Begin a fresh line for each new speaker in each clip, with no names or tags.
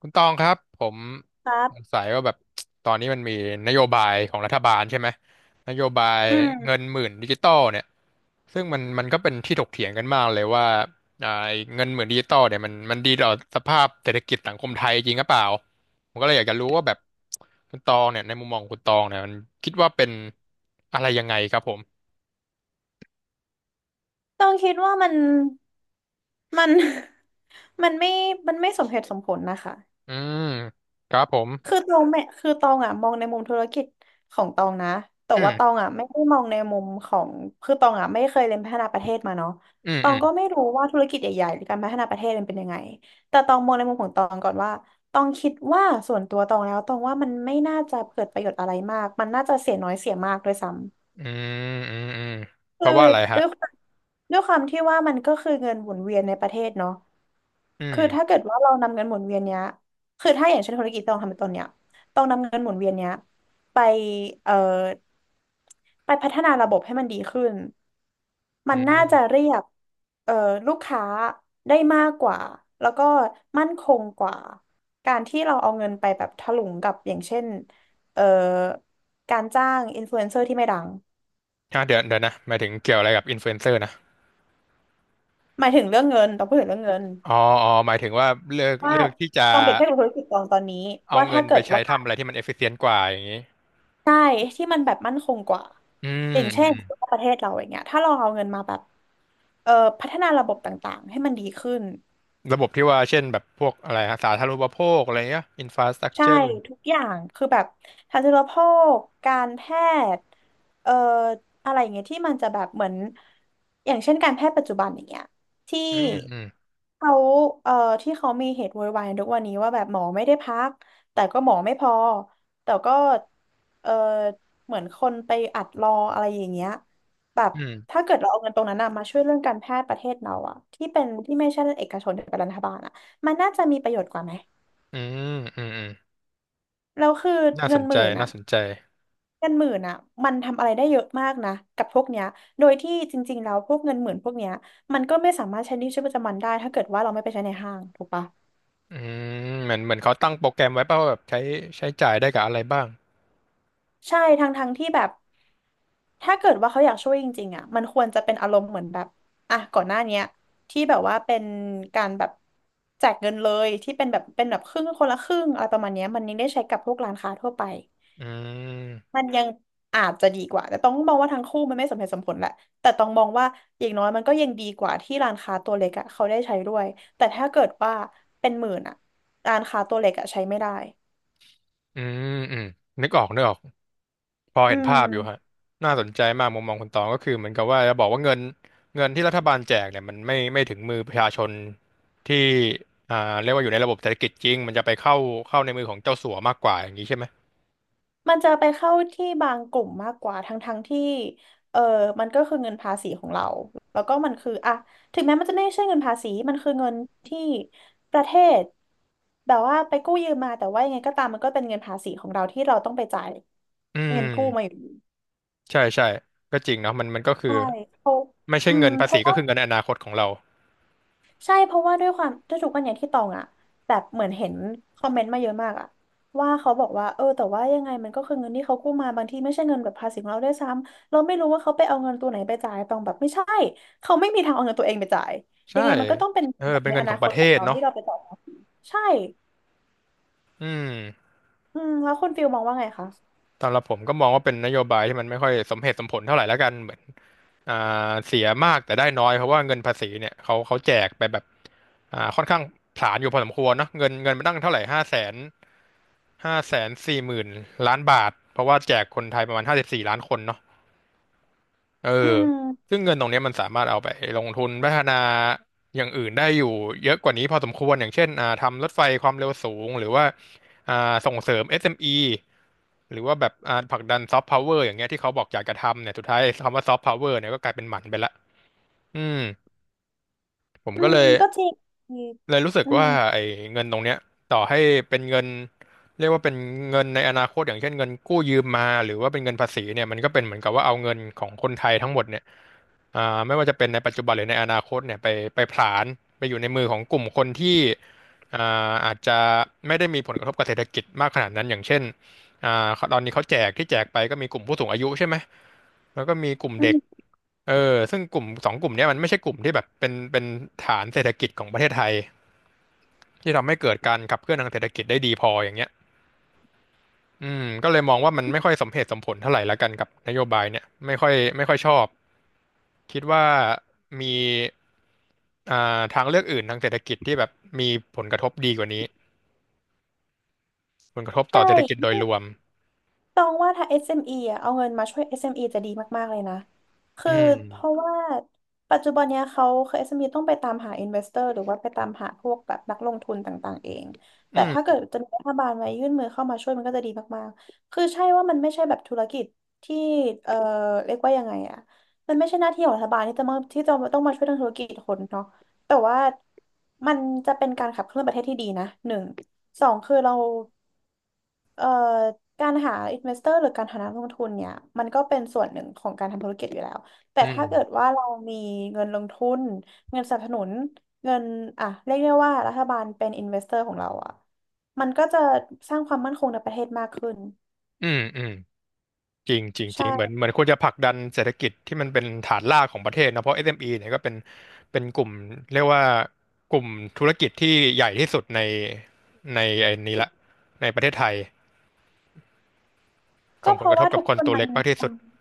คุณตองครับผม
ครั
สง
บ
สัยว่าแบบตอนนี้มันมีนโยบายของรัฐบาลใช่ไหมนโยบาย
อืม
เงินหมื่นดิจิตอลเนี่ยซึ่งมันก็เป็นที่ถกเถียงกันมากเลยว่าไอ้เงินหมื่นดิจิตอลเนี่ยมันดีต่อสภาพเศรษฐกิจสังคมไทยจริงหรือเปล่าผมก็เลยอยากจะรู้ว่าแบบคุณตองเนี่ยในมุมมองของคุณตองเนี่ยมันคิดว่าเป็นอะไรยังไงครับผม
ต้องคิดว่ามัน มันไม่มันไม่สมเหตุสมผลนะคะ
อืมครับผม
คือตองไม่คือตองอ่ะมองในมุมธุรกิจของตองนะ แต่
อื
ว่าตอง
ม
อ่ะไม่ได้มองในมุมของคือตองอ่ะไม่เคยเรียนพัฒนาประเทศมาเนาะ
อืม
ตอ
อื
ง
ม
ก็ไม่รู้ว่าธุรกิจใหญ่ๆหรือการพัฒนาประเทศมันเป็นยังไง แต่ตองมองในมุมของตองก่อนว่าตองคิดว่าส่วนตัวตองแล้วตองว่ามันไม่น่าจะเกิดประโยชน์อะไรมากมันน่าจะเสียน้อยเสียมากด้วยซ้ำ
อืมอืมอืมเพ
คือ
ราะว่าอะไรฮะ
ด้วยความด้วยความที่ว่ามันก็คือเงินหมุนเวียนในประเทศเนาะ
อื
คือถ้า
ม
เกิดว่าเรานำเงินหมุนเวียนเนี้ยคือถ้าอย่างเช่นธุรกิจต้องทำเป็นต้นเนี้ยต้องนำเงินหมุนเวียนเนี้ยไปเอ่อไปพัฒนาระบบให้มันดีขึ้น
อื
มันน่าจะ
ม
เรียกเอ่อลูกค้าได้มากกว่าแล้วก็มั่นคงกว่าการที่เราเอาเงินไปแบบถลุงกับอย่างเช่นเอ่อการจ้างอินฟลูเอนเซอร์ที่ไม่ดัง
อ่ะเดี๋ยวเดี๋ยวนะหมายถึงเกี่ยวอะไรกับอินฟลูเอนเซอร์นะ
หมายถึงเรื่องเงินต้องพูดถึงเรื่องเงิน
อ๋ออ๋อหมายถึงว่าเลือก
ว่า
เลือกที่จะ
ลองเปรียบเทียบกับธุรกิจกองตอนนี้
เอา
ว่า
เงิ
ถ้า
น
เกิ
ไป
ด
ใช้
ว่า
ทำอะไรที่มันเอฟฟิเชนต์กว่าอย่างนี้
ใช่ที่มันแบบมั่นคงกว่า
อืม
อย่างเช่
อื
น
ม
สมมุติว่าประเทศเราอย่างเงี้ยถ้าเราเอาเงินมาแบบเอ่อพัฒนาระบบต่างๆให้มันดีขึ้น
ระบบที่ว่าเช่นแบบพวกอะไรฮะสาธารณูปโภคอะไรเงี้ยอินฟราสตรัก
ใช่
เจอร์
ทุกอย่างคือแบบทันตแพทย์การแพทย์เอ่ออะไรอย่างเงี้ยที่มันจะแบบเหมือนอย่างเช่นการแพทย์ปัจจุบันอย่างเงี้ยที่
อืมอืม
เขาเอ่อที่เขามีเหตุโวยวายทุกวันนี้ว่าแบบหมอไม่ได้พักแต่ก็หมอไม่พอแต่ก็เอ่อเหมือนคนไปอัดรออะไรอย่างเงี้ยแบบ
อืม
ถ้าเกิดเราเอาเงินตรงนั้นนะมาช่วยเรื่องการแพทย์ประเทศเราอะที่เป็นที่ไม่ใช่เอกชนแต่เป็นรัฐบาลอะมันน่าจะมีประโยชน์กว่าไหม
อืมอืมอืม
แล้วคือ
น่าส
เงิน
น
ห
ใจ
มื่น
น่า
อ่ะ
สนใจ
เงินหมื่นอ่ะมันทำอะไรได้เยอะมากนะกับพวกเนี้ยโดยที่จริงๆแล้วพวกเงินหมื่นพวกเนี้ยมันก็ไม่สามารถใช้ในชีวิตประจำวันได้ถ้าเกิดว่าเราไม่ไปใช้ในห้างถูกปะ
อืมเหมือนเหมือนเขาตั้งโปรแกรมไว้ป่ะว่าแบบใช้ใช้จ่ายได้กับอะไรบ้าง
ใช่ทั้งที่แบบถ้าเกิดว่าเขาอยากช่วยจริงๆอ่ะมันควรจะเป็นอารมณ์เหมือนแบบอ่ะก่อนหน้าเนี้ยที่แบบว่าเป็นการแบบแจกเงินเลยที่เป็นแบบครึ่งคนละครึ่งอะไรประมาณเนี้ยมันยังได้ใช้กับพวกร้านค้าทั่วไป
อืม
มันยังอาจจะดีกว่าแต่ต้องมองว่าทั้งคู่มันไม่สมเหตุสมผลแหละแต่ต้องมองว่าอย่างน้อยมันก็ยังดีกว่าที่ร้านค้าตัวเล็กอะเขาได้ใช้ด้วยแต่ถ้าเกิดว่าเป็นหมื่นอะร้านค้าตัวเล็กอะใช้ไม่ได้
อืมอืมนึกออกนึกออก พอ
อื
เห็น
ม
ภาพอยู่ฮะน่าสนใจมากมุมมองคุณตองก็คือเหมือนกับว่าจะบอกว่าเงินเงินที่รัฐบาลแจกเนี่ยมันไม่ถึงมือประชาชนที่อ่าเรียกว่าอยู่ในระบบเศรษฐกิจจริงมันจะไปเข้าในมือของเจ้าสัวมากกว่าอย่างนี้ใช่ไหม
มันจะไปเข้าที่บางกลุ่มมากกว่าทั้งที่เออมันก็คือเงินภาษีของเราแล้วก็มันคืออะถึงแม้มันจะไม่ใช่เงินภาษีมันคือเงินที่ประเทศแบบว่าไปกู้ยืมมาแต่ว่ายังไงก็ตามมันก็เป็นเงินภาษีของเราที่เราต้องไปจ่าย
อื
เงินกู้มาอ
ม
ยู่
ใช่ใช่ก็จริงเนาะมันมันก็คือ
ใช่เพราะ
ไม่ใช่
อืม
เงินภา
เพ
ษี
ราะ
ก็
ว่า
คือเงินในอนาคตของเรา
ใช่เพราะว่าด้วยความด้วถูกกันอย่างที่ตองอะแบบเหมือนเห็นคอมเมนต์มาเยอะมากอะว่าเขาบอกว่าเออแต่ว่ายังไงมันก็คือเงินที่เขากู้มาบางทีไม่ใช่เงินแบบภาษีของเราด้วยซ้ำเราไม่รู้ว่าเขาไปเอาเงินตัวไหนไปจ่ายตองแบบไม่ใช่เขาไม่มีทางเอาเงินตัวเองไปจ่ายยั
ใช่
งไงมันก็ต้องเป็น
เออ
แบบ
เป็น
ใน
เงิ
อ
นข
นา
องป
ค
ระ
ต
เท
ของ
ศ
เรา
เนาะ
ที่เราไปจ่ายภาษีใช่
อืม
อืมแล้วคุณฟิลมองว่าไงคะ
สำหรับผมก็มองว่าเป็นนโยบายที่มันไม่ค่อยสมเหตุสมผลเท่าไหร่แล้วกันเหมือนอ่เสียมากแต่ได้น้อยเพราะว่าเงินภาษีเนี่ยเขาแจกไปแบบค่อนข้างผลาญอยู่พอสมควรเนาะเงินมันตั้งเท่าไหร่540,000 ล้านบาทเพราะว่าแจกคนไทยประมาณ54 ล้านคนเนาะเออ
อืม
ซึ่งเงินตรงเนี้ยมันสามารถเอาไปลงทุนพัฒนาอย่างอื่นได้อยู่เยอะกว่านี้พอสมควรอย่างเช่นทำรถไฟความเร็วสูงหรือว่าอ่าส่งเสริมเอสเอ็มอี หรือว่าแบบผลักดันซอฟต์พาวเวอร์อย่างเงี้ยที่เขาบอกอยากจะทำเนี่ยสุดท้าย คำว่าซอฟต์พาวเวอร์เนี่ยก็กลายเป็นหมันไปละอืมผม
อื
ก็เล
ม
ย
ก็จริง
เลยรู้สึก
อืม
ว่าไอ้เงินตรงเนี้ยต่อให้เป็นเงินเรียกว่าเป็นเงินในอนาคตอย่างเช่นเงินกู้ยืมมาหรือว่าเป็นเงินภาษีเนี่ยมันก็เป็นเหมือนกับว่าเอาเงินของคนไทยทั้งหมดเนี่ย ไม่ว่าจะเป็นในปัจจุบันหรือในอนาคตเนี่ยไปผลาญไปอยู่ในมือของกลุ่มคนที่อ่อาจจะไม่ได้มีผลกระทบกับเศรษฐกิจมากขนาดนั้นอย่างเช่นตอนนี้เขาแจกที่แจกไปก็มีกลุ่มผู้สูงอายุใช่ไหมแล้วก็มีกลุ่ม
อื
เด็ก
ม
เออซึ่งกลุ่มสองกลุ่มเนี้ยมันไม่ใช่กลุ่มที่แบบเป็นฐานเศรษฐกิจของประเทศไทยที่ทำให้เกิดการขับเคลื่อนทางเศรษฐกิจได้ดีพออย่างเงี้ยอืมก็เลยมองว่ามันไม่ค่อยสมเหตุสมผลเท่าไหร่ละกันกับนโยบายเนี่ยไม่ค่อยชอบคิดว่ามี อ่าทางเลือกอื่นทางเศรษฐกิจที่แบบมีผลกระทบดีกว่านี้ผลกระทบ
ใช
ต่อเศรษฐกิจโดยร
่
วม
ต้องว่าถ้า SME อสเอ็มอีอ่ะเอาเงินมาช่วย SME จะดีมากๆเลยนะ
อื
คือ
ม
เพราะว่าปัจจุบันเนี้ยเขาคือ SME ต้องไปตามหา investor หรือว่าไปตามหาพวกแบบนักลงทุนต่างๆเองแต่
อื
ถ้าเกิ
ม
ดจะมีรัฐบาลมายื่นมือเข้ามาช่วยมันก็จะดีมากๆคือใช่ว่ามันไม่ใช่แบบธุรกิจที่เอ่อเรียกว่ายังไงอ่ะมันไม่ใช่หน้าที่ของรัฐบาลที่จะมาที่จะต้องมาช่วยทางธุรกิจคนเนาะแต่ว่ามันจะเป็นการขับเคลื่อนประเทศที่ดีนะหนึ่งสองคือเรา เอ่อการหาอินเวสเตอร์หรือการหานักลงทุนเนี่ยมันก็เป็นส่วนหนึ่งของการทำธุรกิจอยู่แล้วแต่
อื
ถ้าเกิด
ม
ว่าเรามีเงินลงทุนเงินสนับสนุนเงินอ่ะเรียกได้ว่ารัฐบาลเป็นอินเวสเตอร์ของเราอ่ะมันก็จะสร้างความมั่นคงในประเทศมากขึ้น
อืมอืมจริงจริงจ
ใช่
ริงเหมือนควรจะผลักดันเศรษฐกิจที่มันเป็นฐานรากของประเทศนะเพราะ SME เอ็มอีเนี่ยก็เป็นกลุ่มเรียกว่ากลุ่มธุรกิจที่ใหญ่ที่สุดในไอ้นี้ละในประเทศไทย
ก็
ส่ง
เพ
ผลก
ราะ
ระท
ว่า
บกับ
ทุก
ค
ค
น
น
ตัว
มั
เล็
น
กมาก
ท
ที่สุด
ำ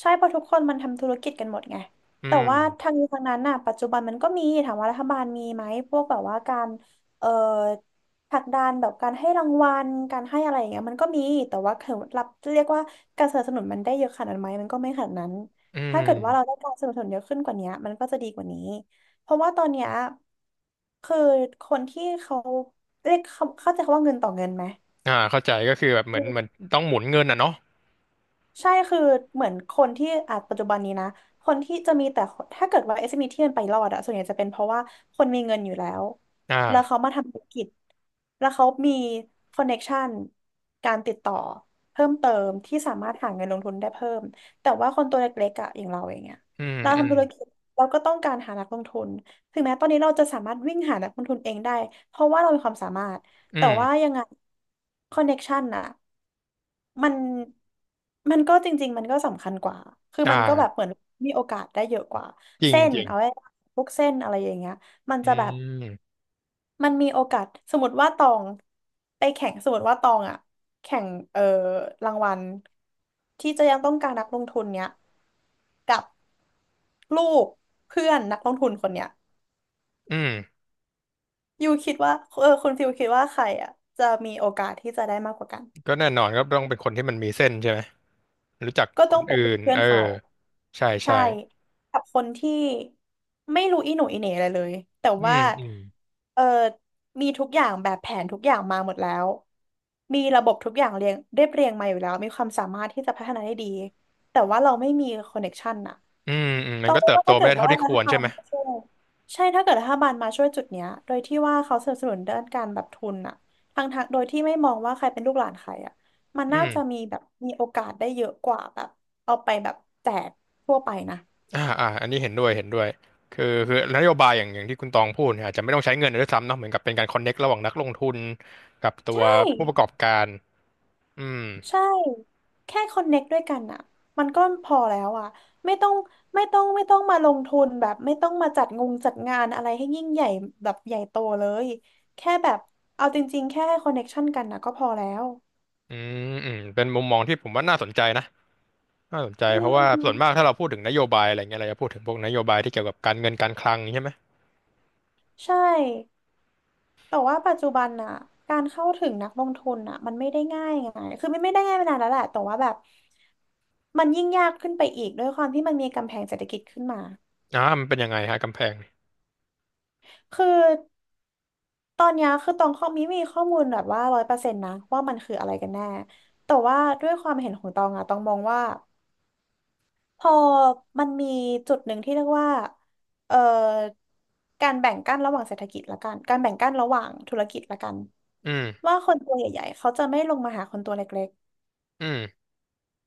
ใช่เพราะทุกคนมันทำธุรกิจกันหมดไง
อื
แต่
ม
ว่าทางนี้ทางนั้นน่ะปัจจุบันมันก็มีถามว่ารัฐบาลมีไหมพวกแบบว่าการเอ่อผลักดันแบบการให้รางวัลการให้อะไรอย่างเงี้ยมันก็มีแต่ว่าคือรับเรียกว่าการสนับสนุนมันได้เยอะขนาดนั้นไหมมันก็ไม่ขนาดนั้น
อื
ถ้าเกิดว่าเราได้
ม
การสนับสนุนเยอะขึ้นกว่านี้มันก็จะดีกว่านี้เพราะว่าตอนเนี้ยคือคนที่เขาเรียกเขาเข้าใจคำว่าเงินต่อเงินไหม
อ่าเข้าใจก็คือแบบเหมือนต้องหมุนเงินอ่ะเนาะ
ใช่คือเหมือนคนที่อาจปัจจุบันนี้นะคนที่จะมีแต่ถ้าเกิดว่า SME ที่มันไปรอดอะส่วนใหญ่จะเป็นเพราะว่าคนมีเงินอยู่แล้ว
อ่
แล้วเขา
า
มาทำธุรกิจแล้วเขามีคอนเน็กชันการติดต่อเพิ่มเติมที่สามารถหาเงินลงทุนได้เพิ่มแต่ว่าคนตัวเล็กๆอะอย่างเราอย่างเงี้ย
อืม
เรา
อืม
ทำธุรกิจเราก็ต้องการหานักลงทุนถึงแม้ตอนนี้เราจะสามารถวิ่งหานักลงทุนเองได้เพราะว่าเรามีความสามารถ
อื
แต่
ม
ว่ายังไงคอนเน็กชันอะ มันมันก็จริงๆมันก็สำคัญกว่าคือ
อ่
มันก็แบบเห
า
มือนมีโอกาสได้เยอะกว่า
จริง
เส้น
จริง
เอาไว้พวกเส้นอะไรอย่างเงี้ยมัน
อื
จะแบบ
ม
มันมีโอกาสสมมติว่าตองไปแข่งสมมติว่าตองอะแข่งรางวัลที่จะยังต้องการนักลงทุนเนี้ยลูกเพื่อนนักลงทุนคนเนี้ย
อืม
ยูคิดว่าเออคุณฟิลคิดว่าใครอะจะมีโอกาสที่จะได้มากกว่ากัน
ก็แน่นอนก็ต้องเป็นคนที่มันมีเส้นใช่ไหมรู้จัก
ก็
ค
ต้อง
น
เป็น
อื่
ลูก
น
เพื่อ
เอ
น
อ
เขา
ใช่
ใช่
ใช่
กับคนที่ไม่รู้อีหนูอีเหน่อะไรเลยแต่
อื
ว่า
มอืม
เออมีทุกอย่างแบบแผนทุกอย่างมาหมดแล้วมีระบบทุกอย่างเรียงเรียบเรียงมาอยู่แล้วมีความสามารถที่จะพัฒนาได้ดีแต่ว่าเราไม่มีคอนเน็กชันอะ
อืมอืมมั
ต้
น
อง
ก็เติบ
ว่า
โต
ถ้า
ไม่
เกิด
ได้เท่า
ว่า
ที่
รั
ค
ฐ
วร
บา
ใช่
ล
ไหม
มาช่วยใช่ถ้าเกิดรัฐบาลมาช่วยจุดเนี้ยโดยที่ว่าเขาสนับสนุนด้านการแบบทุนอะทางโดยที่ไม่มองว่าใครเป็นลูกหลานใครอะมัน
อื
น่าจะ
ม
มีแบบมีโอกาสได้เยอะกว่าแบบเอาไปแบบแจกทั่วไปนะ
อ่าอ่าอันนี้เห็นด้วยเห็นด้วยคือนโยบายอย่างที่คุณตองพูดเนี่ยอาจจะไม่ต้องใช้เงินด้วยซ้ำเนาะเหมือนกับเป็นการคอนเน็กระหว่างนักลงทุนกับตัว
ใช่
ผู้ประกอบการอืม
ใช่แค่คอนเน็กด้วยกันอ่ะมันก็พอแล้วอ่ะไม่ต้องไม่ต้องมาลงทุนแบบไม่ต้องมาจัดงงจัดงานอะไรให้ยิ่งใหญ่แบบใหญ่โตเลยแค่แบบเอาจริงๆแค่ให้คอนเน็กชันกันนะก็พอแล้ว
อืมอืมเป็นมุมมองที่ผมว่าน่าสนใจนะน่าสนใจ
อื
เพราะว่าส่วนมาก
ม
ถ้าเราพูดถึงนโยบายอะไรเงี้ยเราจะพูดถึงพวกนโยบายที่เกี่ยวกับการเงินการคลังใช่ไหม
ใช่แต่ว่าปัจจุบันน่ะการเข้าถึงนักลงทุนน่ะมันไม่ได้ง่ายไงคือไม่ได้ง่ายมานานแล้วแหละแต่ว่าแบบมันยิ่งยากขึ้นไปอีกด้วยความที่มันมีกำแพงเศรษฐกิจขึ้นมา
อ่ามันเป็นยังไงฮะกำแพง
คือตอนเนี้ยคือตองข้อมีข้อมูลแบบว่าร้อยเปอร์เซ็นต์นะว่ามันคืออะไรกันแน่แต่ว่าด้วยความเห็นของตองอะตองมองว่า พอมันมีจุดหนึ่งที่เรียกว่าเอ่อการแบ่งกั้นระหว่างเศรษฐกิจละกันการแบ่งกั้นระหว่างธุรกิจละกัน
อืม
ว่าคนตัวใหญ่ๆเขาจะไม่ลงมาหาคนตัวเล็ก
อืม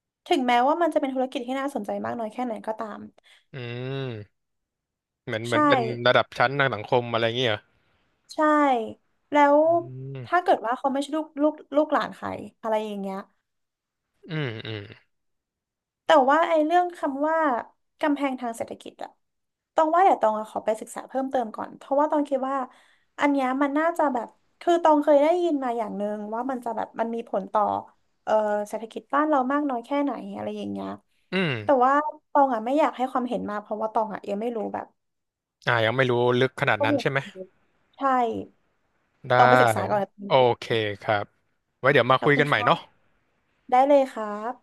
ๆ ถึงแม้ว่ามันจะเป็นธุรกิจที่น่าสนใจมากน้อยแค่ไหนก็ตาม
อืม เหมือนเหมือ
ใช่
นเป็นระดับชั้นทางสังคมอะไรอย่างเงี้ยเหรอ
ใช่แล้ว
อืม
ถ้าเกิดว่าเขาไม่ใช่ลูกหลานใครอะไรอย่างเงี้ย
อืม อืม
แต่ว่าไอ้เรื่องคำว่ากำแพงทางเศรษฐกิจอะตองว่าเดี๋ยวตองอะขอไปศึกษาเพิ่มเติมก่อนเพราะว่าตองคิดว่าอันเนี้ยมันน่าจะแบบคือตองเคยได้ยินมาอย่างหนึ่งว่ามันจะแบบมันมีผลต่อเอ่อเศรษฐกิจบ้านเรามากน้อยแค่ไหนอะไรอย่างเงี้ย
อืม
แต่ว่าตองอะไม่อยากให้ความเห็นมาเพราะว่าตองอะยังไม่รู้แบบ
อ่ายังไม่รู้ลึกขนาด
ข้อ
นั้น
มูล
ใช่ไหม
ใช่
ได้
ตองไปศึกษาก่อน
โอเคครับไว้เดี๋ยวมา
ขอ
คุ
บ
ย
คุ
กั
ณ
นใหม่เนาะ
ค่ะได้เลยครับ